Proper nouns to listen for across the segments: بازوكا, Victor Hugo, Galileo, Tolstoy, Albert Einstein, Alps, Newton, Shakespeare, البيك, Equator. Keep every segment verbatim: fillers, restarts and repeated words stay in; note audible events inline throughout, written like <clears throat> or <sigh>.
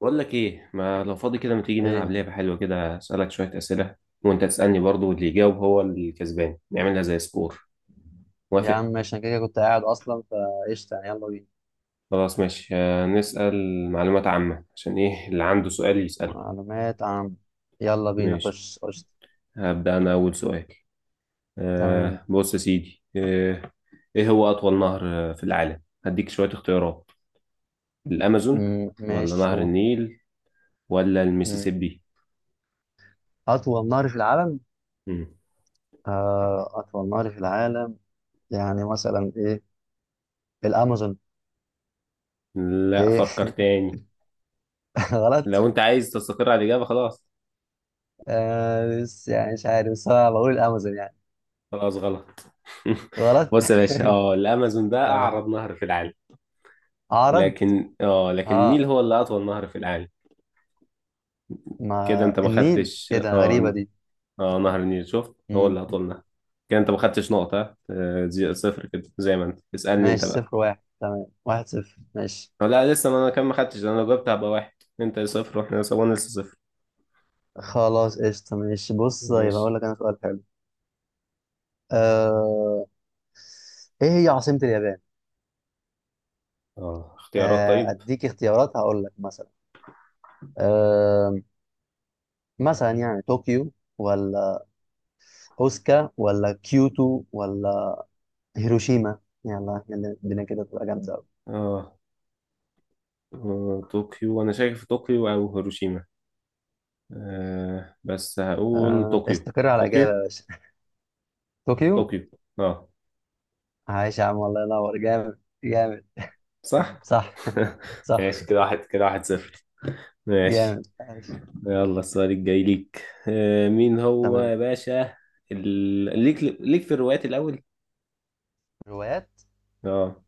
بقول لك ايه، ما لو فاضي كده ما تيجي نلعب ايه، لعبه حلوه كده اسالك شويه اسئله؟ وانت تسالني برضو، واللي يجاوب هو الكسبان، نعملها زي سكور. يا موافق؟ عم ماشي. انا كده كده كنت قاعد اصلا، فقشطة يعني. يلا بينا. خلاص ماشي. آه، نسال معلومات عامه، عشان ايه اللي عنده سؤال يساله. معلومات عامة. يلا بينا، ماشي. خش قشطة. هبدا انا اول سؤال. تمام. آه بص يا سيدي. آه ايه هو اطول نهر آه، في العالم؟ هديك شويه اختيارات: الامازون، مم، ولا ماشي، نهر قول. النيل، ولا مم. المسيسيبي؟ اطول نهر في العالم؟ مم. آه اطول نهر في العالم، يعني مثلا ايه؟ الامازون. لا، ايه؟ فكر تاني. <laughs> غلط. لو انت عايز تستقر على الاجابه خلاص. آه بس يعني مش عارف، بس انا بقول الامازون يعني. خلاص غلط. <laughs> غلط. بص يا باشا، <laughs> اه الامازون ده تمام. اعرض نهر في العالم، عرض. لكن اه لكن اه، النيل هو اللي اطول نهر في العالم. كده ما انت ما النيل، خدتش. ايه ده؟ غريبة اه دي. اه نهر النيل، شفت؟ هو مم. اللي اطول نهر. كده انت ما خدتش نقطة. ها؟ آه، زي- صفر، كده زي ما انت اسألني ماشي، انت بقى. صفر واحد، تمام. واحد صفر، ماشي. آه، لا لسه، ما انا كان ما خدتش. انا لو جبت هبقى واحد. انت صفر، واحنا لسه وانا لسه صفر. خلاص قشطة، ماشي. بص، يبقى ماشي. أقول لك أنا سؤال حلو. آه... إيه هي عاصمة اليابان؟ اه اختيارات آه... طيب. أديك اختيارات، هقول لك مثلا. آه... مثلا يعني طوكيو، ولا أوسكا، ولا كيوتو، ولا هيروشيما؟ يلا يلا، الدنيا كده تبقى جامدة أوي. اه آه، طوكيو، انا شايف طوكيو او هيروشيما. آه بس هقول آه... طوكيو. استقر على إجابة طوكيو. يا باشا. <laughs> طوكيو. طوكيو. اه، عايش يا عم، الله ينور، جامد جامد. صح. صح. <laughs> صح، ماشي، كده واحد، كده واحد صفر. ماشي. جامد، عايش، يلا، السؤال الجاي ليك. آه، مين هو تمام. يا باشا ال... ليك ليك في الروايات الأول؟ روايات. اه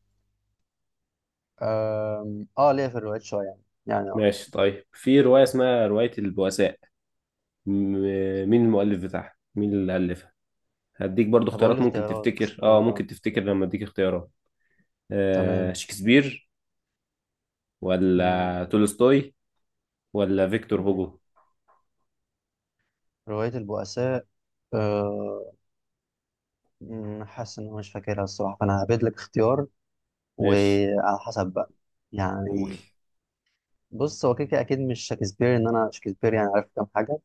آه... آه ليه في الروايات شوية يعني، يعني آه. ماشي، طيب في رواية اسمها رواية البؤساء، م... مين المؤلف بتاعها؟ مين اللي ألفها؟ هديك برضو طب قول اختيارات، لي ممكن اختيارات. تفتكر اه، اه اه، ممكن تفتكر لما اديك اختيارات. آه تمام. شكسبير، مم، ولا تولستوي، ولا فيكتور مم. هوجو؟ رواية البؤساء. آه، مم، حاسس ان انا مش فاكرها الصراحة، فانا هبيت لك اختيار، ماشي، وعلى حسب بقى. قول. يعني، بص، هو كده كده اكيد مش شكسبير، ان انا شكسبير يعني عارف كام حاجة.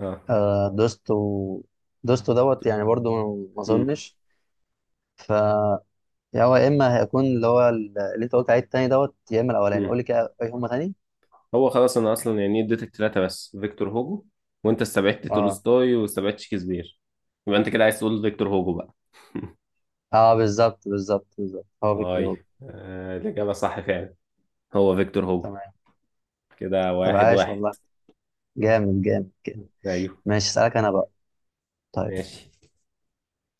اه آه، دوستو دوستو دوت يعني برضو. ما اظنش، ف يا هو، يا اما هيكون اللي هو اللي انت قلت عليه التاني دوت، يا اما الاولاني. قول مم. لي كده اي هما تاني. هو خلاص انا اصلا يعني اديتك ثلاثه، بس فيكتور هوجو وانت استبعدت اه، تولستوي واستبعدت شكسبير، يبقى انت كده عايز تقول فيكتور هوجو بقى. <laughs> اه، بالظبط بالظبط بالظبط، هو فيكتور هوجو. طيب، آه الاجابه صح فعلا، هو فيكتور هوجو. تمام. كده طب واحد عاش واحد. والله. جامد جامد جامد. ايوه. ماشي، اسألك انا بقى. طيب. ماشي.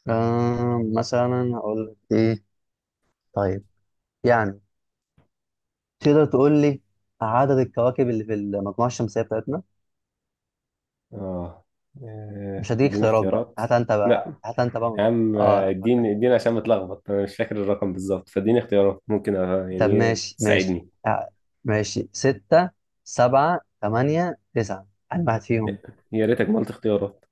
آم مثلا هقول لك ايه. طيب، يعني، تقدر تقول لي عدد الكواكب اللي في المجموعة الشمسية بتاعتنا؟ اه مش آه، هديك اديني خيارات بقى، اختيارات. هات انت بقى، لا هات انت بقى. يا عم، آه، اه، فكر. اديني اديني عشان بتلخبط، انا مش فاكر الرقم بالظبط، فاديني اختيارات ممكن آه، طب يعني ماشي، ماشي. تساعدني. آه، ماشي، ستة، سبعة، تمانية، تسعة. أنا واحد فيهم. يا ريتك ما قلت اختيارات.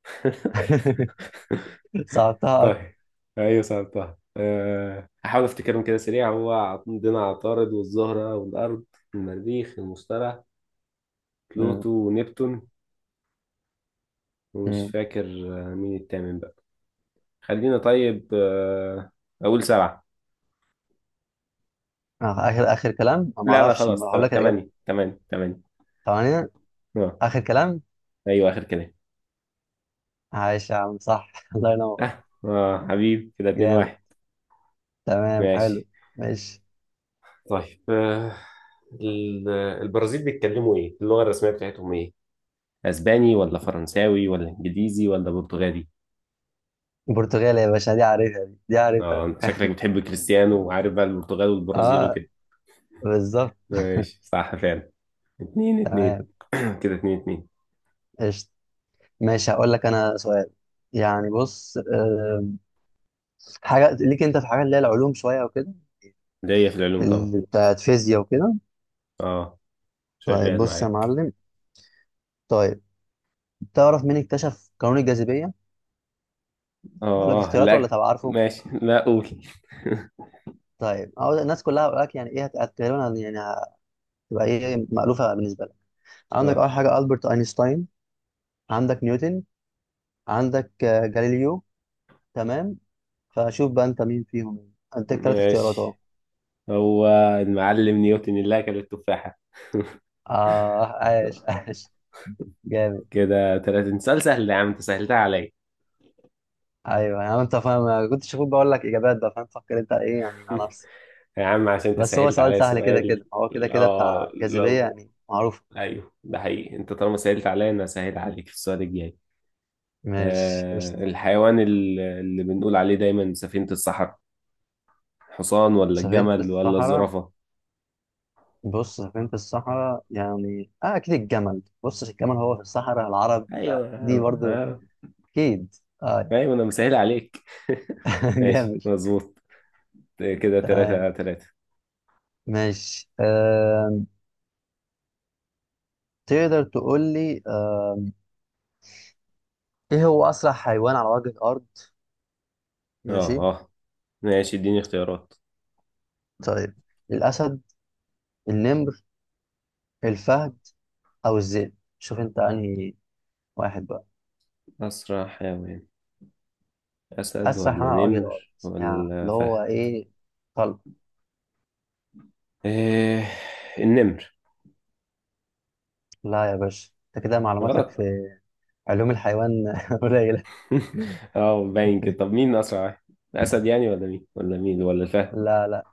<laughs> <laughs> صعبتها أكتر. طيب. ايوه سألتها. أه هحاول افتكرهم كده سريع. هو عندنا عطارد، والزهرة، والأرض، المريخ، المشتري، مم، بلوتو، ونبتون، ومش مم. فاكر. آه، مين التامن بقى؟ خلينا طيب. أه أقول سبعة. آه، آخر آخر كلام، ما لا لا أعرفش. ما خلاص، هقول ت- لك الإجابة. تمانية. تمانية. تمانية. ثمانية، اه. آخر كلام. أيوه آخر كلام. عايش يا عم، صح. <laughs> الله ينور، اه اه حبيبي، كده اتنين جامد. واحد. تمام، حلو. ماشي. ماشي. طيب. أه ال- البرازيل بيتكلموا ايه؟ اللغة الرسمية بتاعتهم ايه؟ اسباني، ولا فرنساوي، ولا انجليزي، ولا برتغالي؟ البرتغال يا باشا، دي عارفها، دي دي عارفها. اه، انت شكلك بتحب كريستيانو وعارف بقى البرتغال والبرازيل اه، وكده. بالظبط. ماشي، صح فعلا. اتنين اتنين. تمام، <clears throat> كده اتنين اتنين. قشطة، ماشي. هقول لك انا سؤال، يعني، بص. آه، حاجة ليك انت في حاجة، اللي هي العلوم شوية وكده. ليا في العلوم طبعا. ال- بتاعت فيزياء وكده. اه طيب شغال بص يا معاك. معلم. طيب، تعرف مين اكتشف قانون الجاذبية؟ اقول لك اه. اختيارات، لا، ولا تبقى عارفه؟ ماشي، لا قول. طيب، أقول الناس كلها، هقول لك يعني ايه، هت- هت- تقريبا يعني هتبقى ايه مألوفة بالنسبة لك. <laughs> عندك اه، اول حاجة ألبرت أينشتاين، عندك نيوتن، عندك آه، جاليليو. تمام. فشوف بقى انت مين فيهم يعني. اديك ثلاث اختيارات اهو. ماشي، هو المعلم نيوتن اللي اكل التفاحة. <laughs> اه، عاش عاش، جامد. كده تلاتة. انت سؤال سهل يا عم، انت سهلتها عليا. ايوه، يعني انت فاهم، أنا كنت شوفوك بقول لك اجابات بقى فاهم. فكر انت ايه يعني على <laughs> نفسك. يا عم عشان انت بس هو سهلت سؤال عليا سهل كده سؤال. كده، هو كده كده بتاع اه. جاذبيه لو يعني معروف. ايوه ده حقيقي، انت طالما سهلت عليا انا سهل عليك في السؤال الجاي. مش آه، قشطة. الحيوان ال- اللي بنقول عليه دايما سفينة الصحراء، حصان، ولا سفينه الجمل، ولا الصحراء. الزرافة؟ بص، سفينه الصحراء يعني، اه، اكيد الجمل. بص، الجمل هو في الصحراء العرب، ايوه. فدي برضو. آه، اكيد، اه. ايوه انا مسهل عليك. <laughs> <laughs> ماشي، جامد. مظبوط. كده تمام، تلاتة تلاتة. ماشي. آه، تقدر تقول لي، آه، ايه هو اسرع حيوان على وجه الارض؟ اه ماشي. اه. ماشي، اديني اختيارات. طيب، الاسد، النمر، الفهد، او الذئب. شوف انت انهي واحد بقى. اسرع حيوان، اسد، اسرع ولا حيوان على وجه الارض، نمر، يعني ولا اللي فهد؟ هو ايه، طلق. إيه، النمر. لا يا باشا، انت كده معلوماتك غلط. في علوم الحيوان <laughs> قليله. <laughs> اه، باين كده. طب مين اسرع واحد؟ الاسد يعني، ولا مين، ولا مين، ولا الفهد؟ لا لا،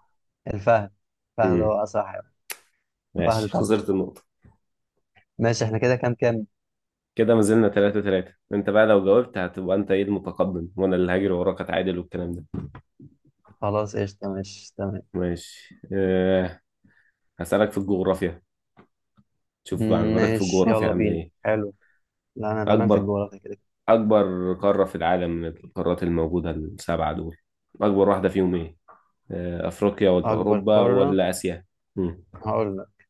الفهد. الفهد امم. هو اسرع حيوان. فهد ماشي، طلق. خسرت النقطة. ماشي، احنا كده كام كام. كده ما زلنا تلاتة تلاتة. انت بقى لو جاوبت هتبقى انت ايه المتقدم، وانا اللي هاجر وراك اتعادل والكلام ده. خلاص قشطه، ماشي، تمام. ماشي. أه هسألك في الجغرافيا، شوف مم، معلوماتك في ماشي، الجغرافيا يلا عاملة بينا. ايه. حلو. لا، انا تمام في اكبر الجغرافيا كده. اكبر قارة في العالم من القارات الموجودة السبعة دول، اكبر واحدة فيهم ايه؟ أه افريقيا، ولا اكبر اوروبا، قاره. ولا اسيا؟ مم. هقول لك،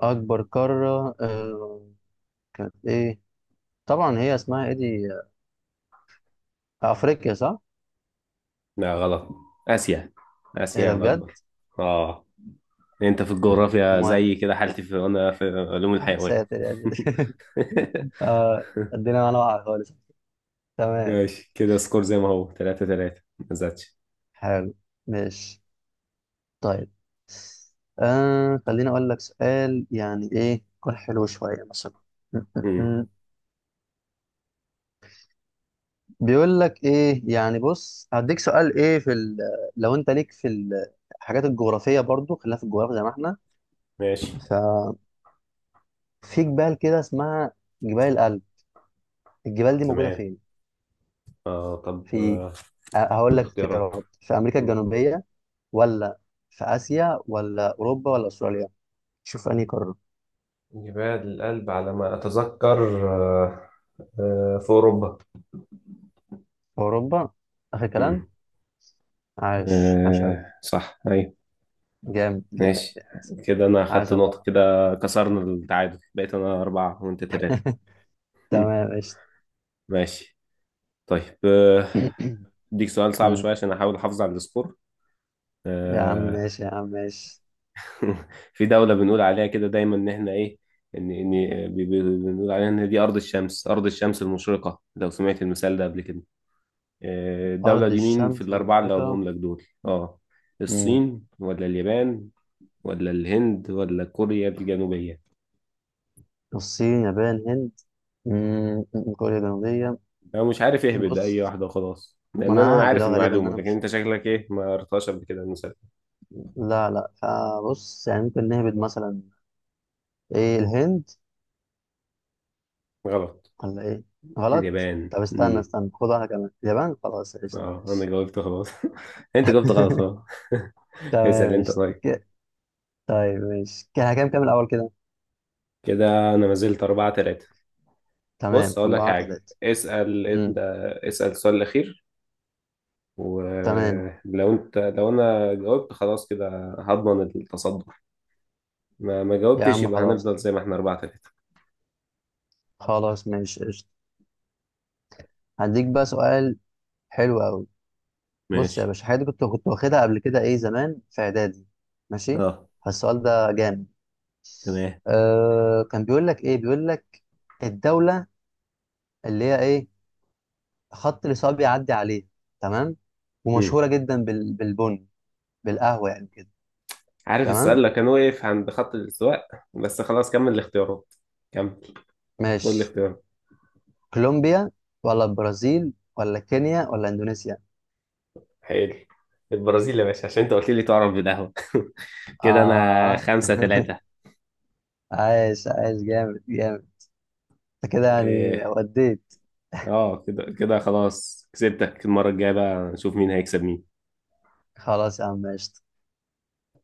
أكبر قارة آه، كانت ايه؟ طبعا هي اسمها ايه دي، آه، افريقيا صح؟ لا، غلط. اسيا. ايه اسيا ده بجد؟ الاكبر. اه، انت في الجغرافيا امال. زي كده حالتي، في انا في علوم <laughs> يا الحيوان. ساتر يا ساتر. <laughs> آه، <laughs> الدنيا معانا واقعة خالص. تمام، ماشي، كده سكور زي ما هو، تلاتة تلاتة ما زادش. حلو، ماشي. طيب، آه خليني اقول لك سؤال، يعني ايه يكون حلو شوية مثلا. <laughs> مم. بيقول لك ايه يعني. بص، هديك سؤال، ايه في ال... لو انت ليك في ال- الحاجات الجغرافية برضو، خلينا في الجغرافيا زي ما احنا. ماشي، ففي جبال كده اسمها جبال الألب. الجبال دي موجودة تمام. فين؟ آه طب. في آه أ- هقول لك الاختيارات. اختيارات. في امريكا مم. الجنوبيه، ولا في اسيا، ولا اوروبا، ولا استراليا؟ شوف انهي قاره. جبال الألب على ما أتذكر. آه، آه، في أوروبا. في اوروبا، اخر كلام. مم. عاش عاش قوي. آه صح، أيوة. جامد جامد ماشي، جامد. كده أنا عاش أخدت نقطة. الله. كده كسرنا التعادل، بقيت أنا أربعة وأنت تلاتة. <laughs> مم. تمام، ماشي. ماشي. طيب. آه، <clears throat> أديك سؤال صعب مم. شوية عشان أحاول أحافظ على السكور. يا عم آه ماشي، يا عم ماشي. <laughs> في دولة بنقول عليها كده دايما إن إحنا إيه، إن إن بي- بي- بنقول عليها إن دي أرض الشمس أرض الشمس المشرقة، لو سمعت المثال ده قبل كده. آه، الدولة ارض دي مين في الشمس الأربعة اللي المشرقه. هقولهم لك دول أه مم. الصين، ولا اليابان، ولا الهند، ولا كوريا الجنوبية؟ الصين، يابان، هند. مم. كوريا الجنوبيه. أنا مش عارف اهبد أي بص، واحدة وخلاص، ما لأن أنا انا ههبد عارف أهو، غالبا ان المعلومة، انا لكن مش. أنت شكلك إيه ما قريتهاش قبل كده المثال. لا لا، فبص يعني، ممكن نهبد مثلا ايه الهند، غلط. ولا ايه؟ غلط. اليابان. طب استنى مم. استنى، خد واحده كمان، اليابان. خلاص قشطه، أه أنا ماشي. جاوبت خلاص. <laughs> أنت جاوبت غلط خلاص. <laughs> <laughs> اسأل تمام، أنت، ماشي، طيب. ك- طيب، ماشي، كده كام كام الاول كده؟ كده انا ما زلت أربعة تلاتة. تمام، بص، اقول لك أربعة حاجة. تلاتة. اسأل امم انت. اسأل السؤال الأخير، تمام. ولو انت لو انا جاوبت خلاص كده هضمن التصدر. ما ما يا جاوبتش عم يبقى هنفضل خلاص. زي ما احنا أربعة تلاتة. خلاص، ماشي، قشطة. هديك بقى سؤال حلو قوي. بص يا ماشي. باشا، حاجة دي كنت كنت واخدها قبل كده، ايه، زمان في اعدادي. ماشي. اه، فالسؤال ده جامد. تمام. آه كان بيقول لك ايه، بيقول لك الدولة اللي هي ايه، خط الإصابة بيعدي عليه، تمام، مم. ومشهورة جدا بال... بالبن، بالقهوة يعني كده. عارف السؤال تمام، اللي كان واقف عند خط الاستواء. بس خلاص كمل الاختيارات. كمل. قول ماشي. الاختيارات. كولومبيا، ولا البرازيل، ولا كينيا، ولا اندونيسيا؟ حلو، البرازيل يا باشا، عشان انت قلت لي تعرف بالقهوة. <laughs> كده انا اه. خمسة <laughs> تلاتة. عايش عايش، جامد جامد. انت كده يعني إيه. وديت. اه، كده كده خلاص كسبتك. المرة الجاية بقى نشوف مين هيكسب مين. خلاص يا عم، ماشي.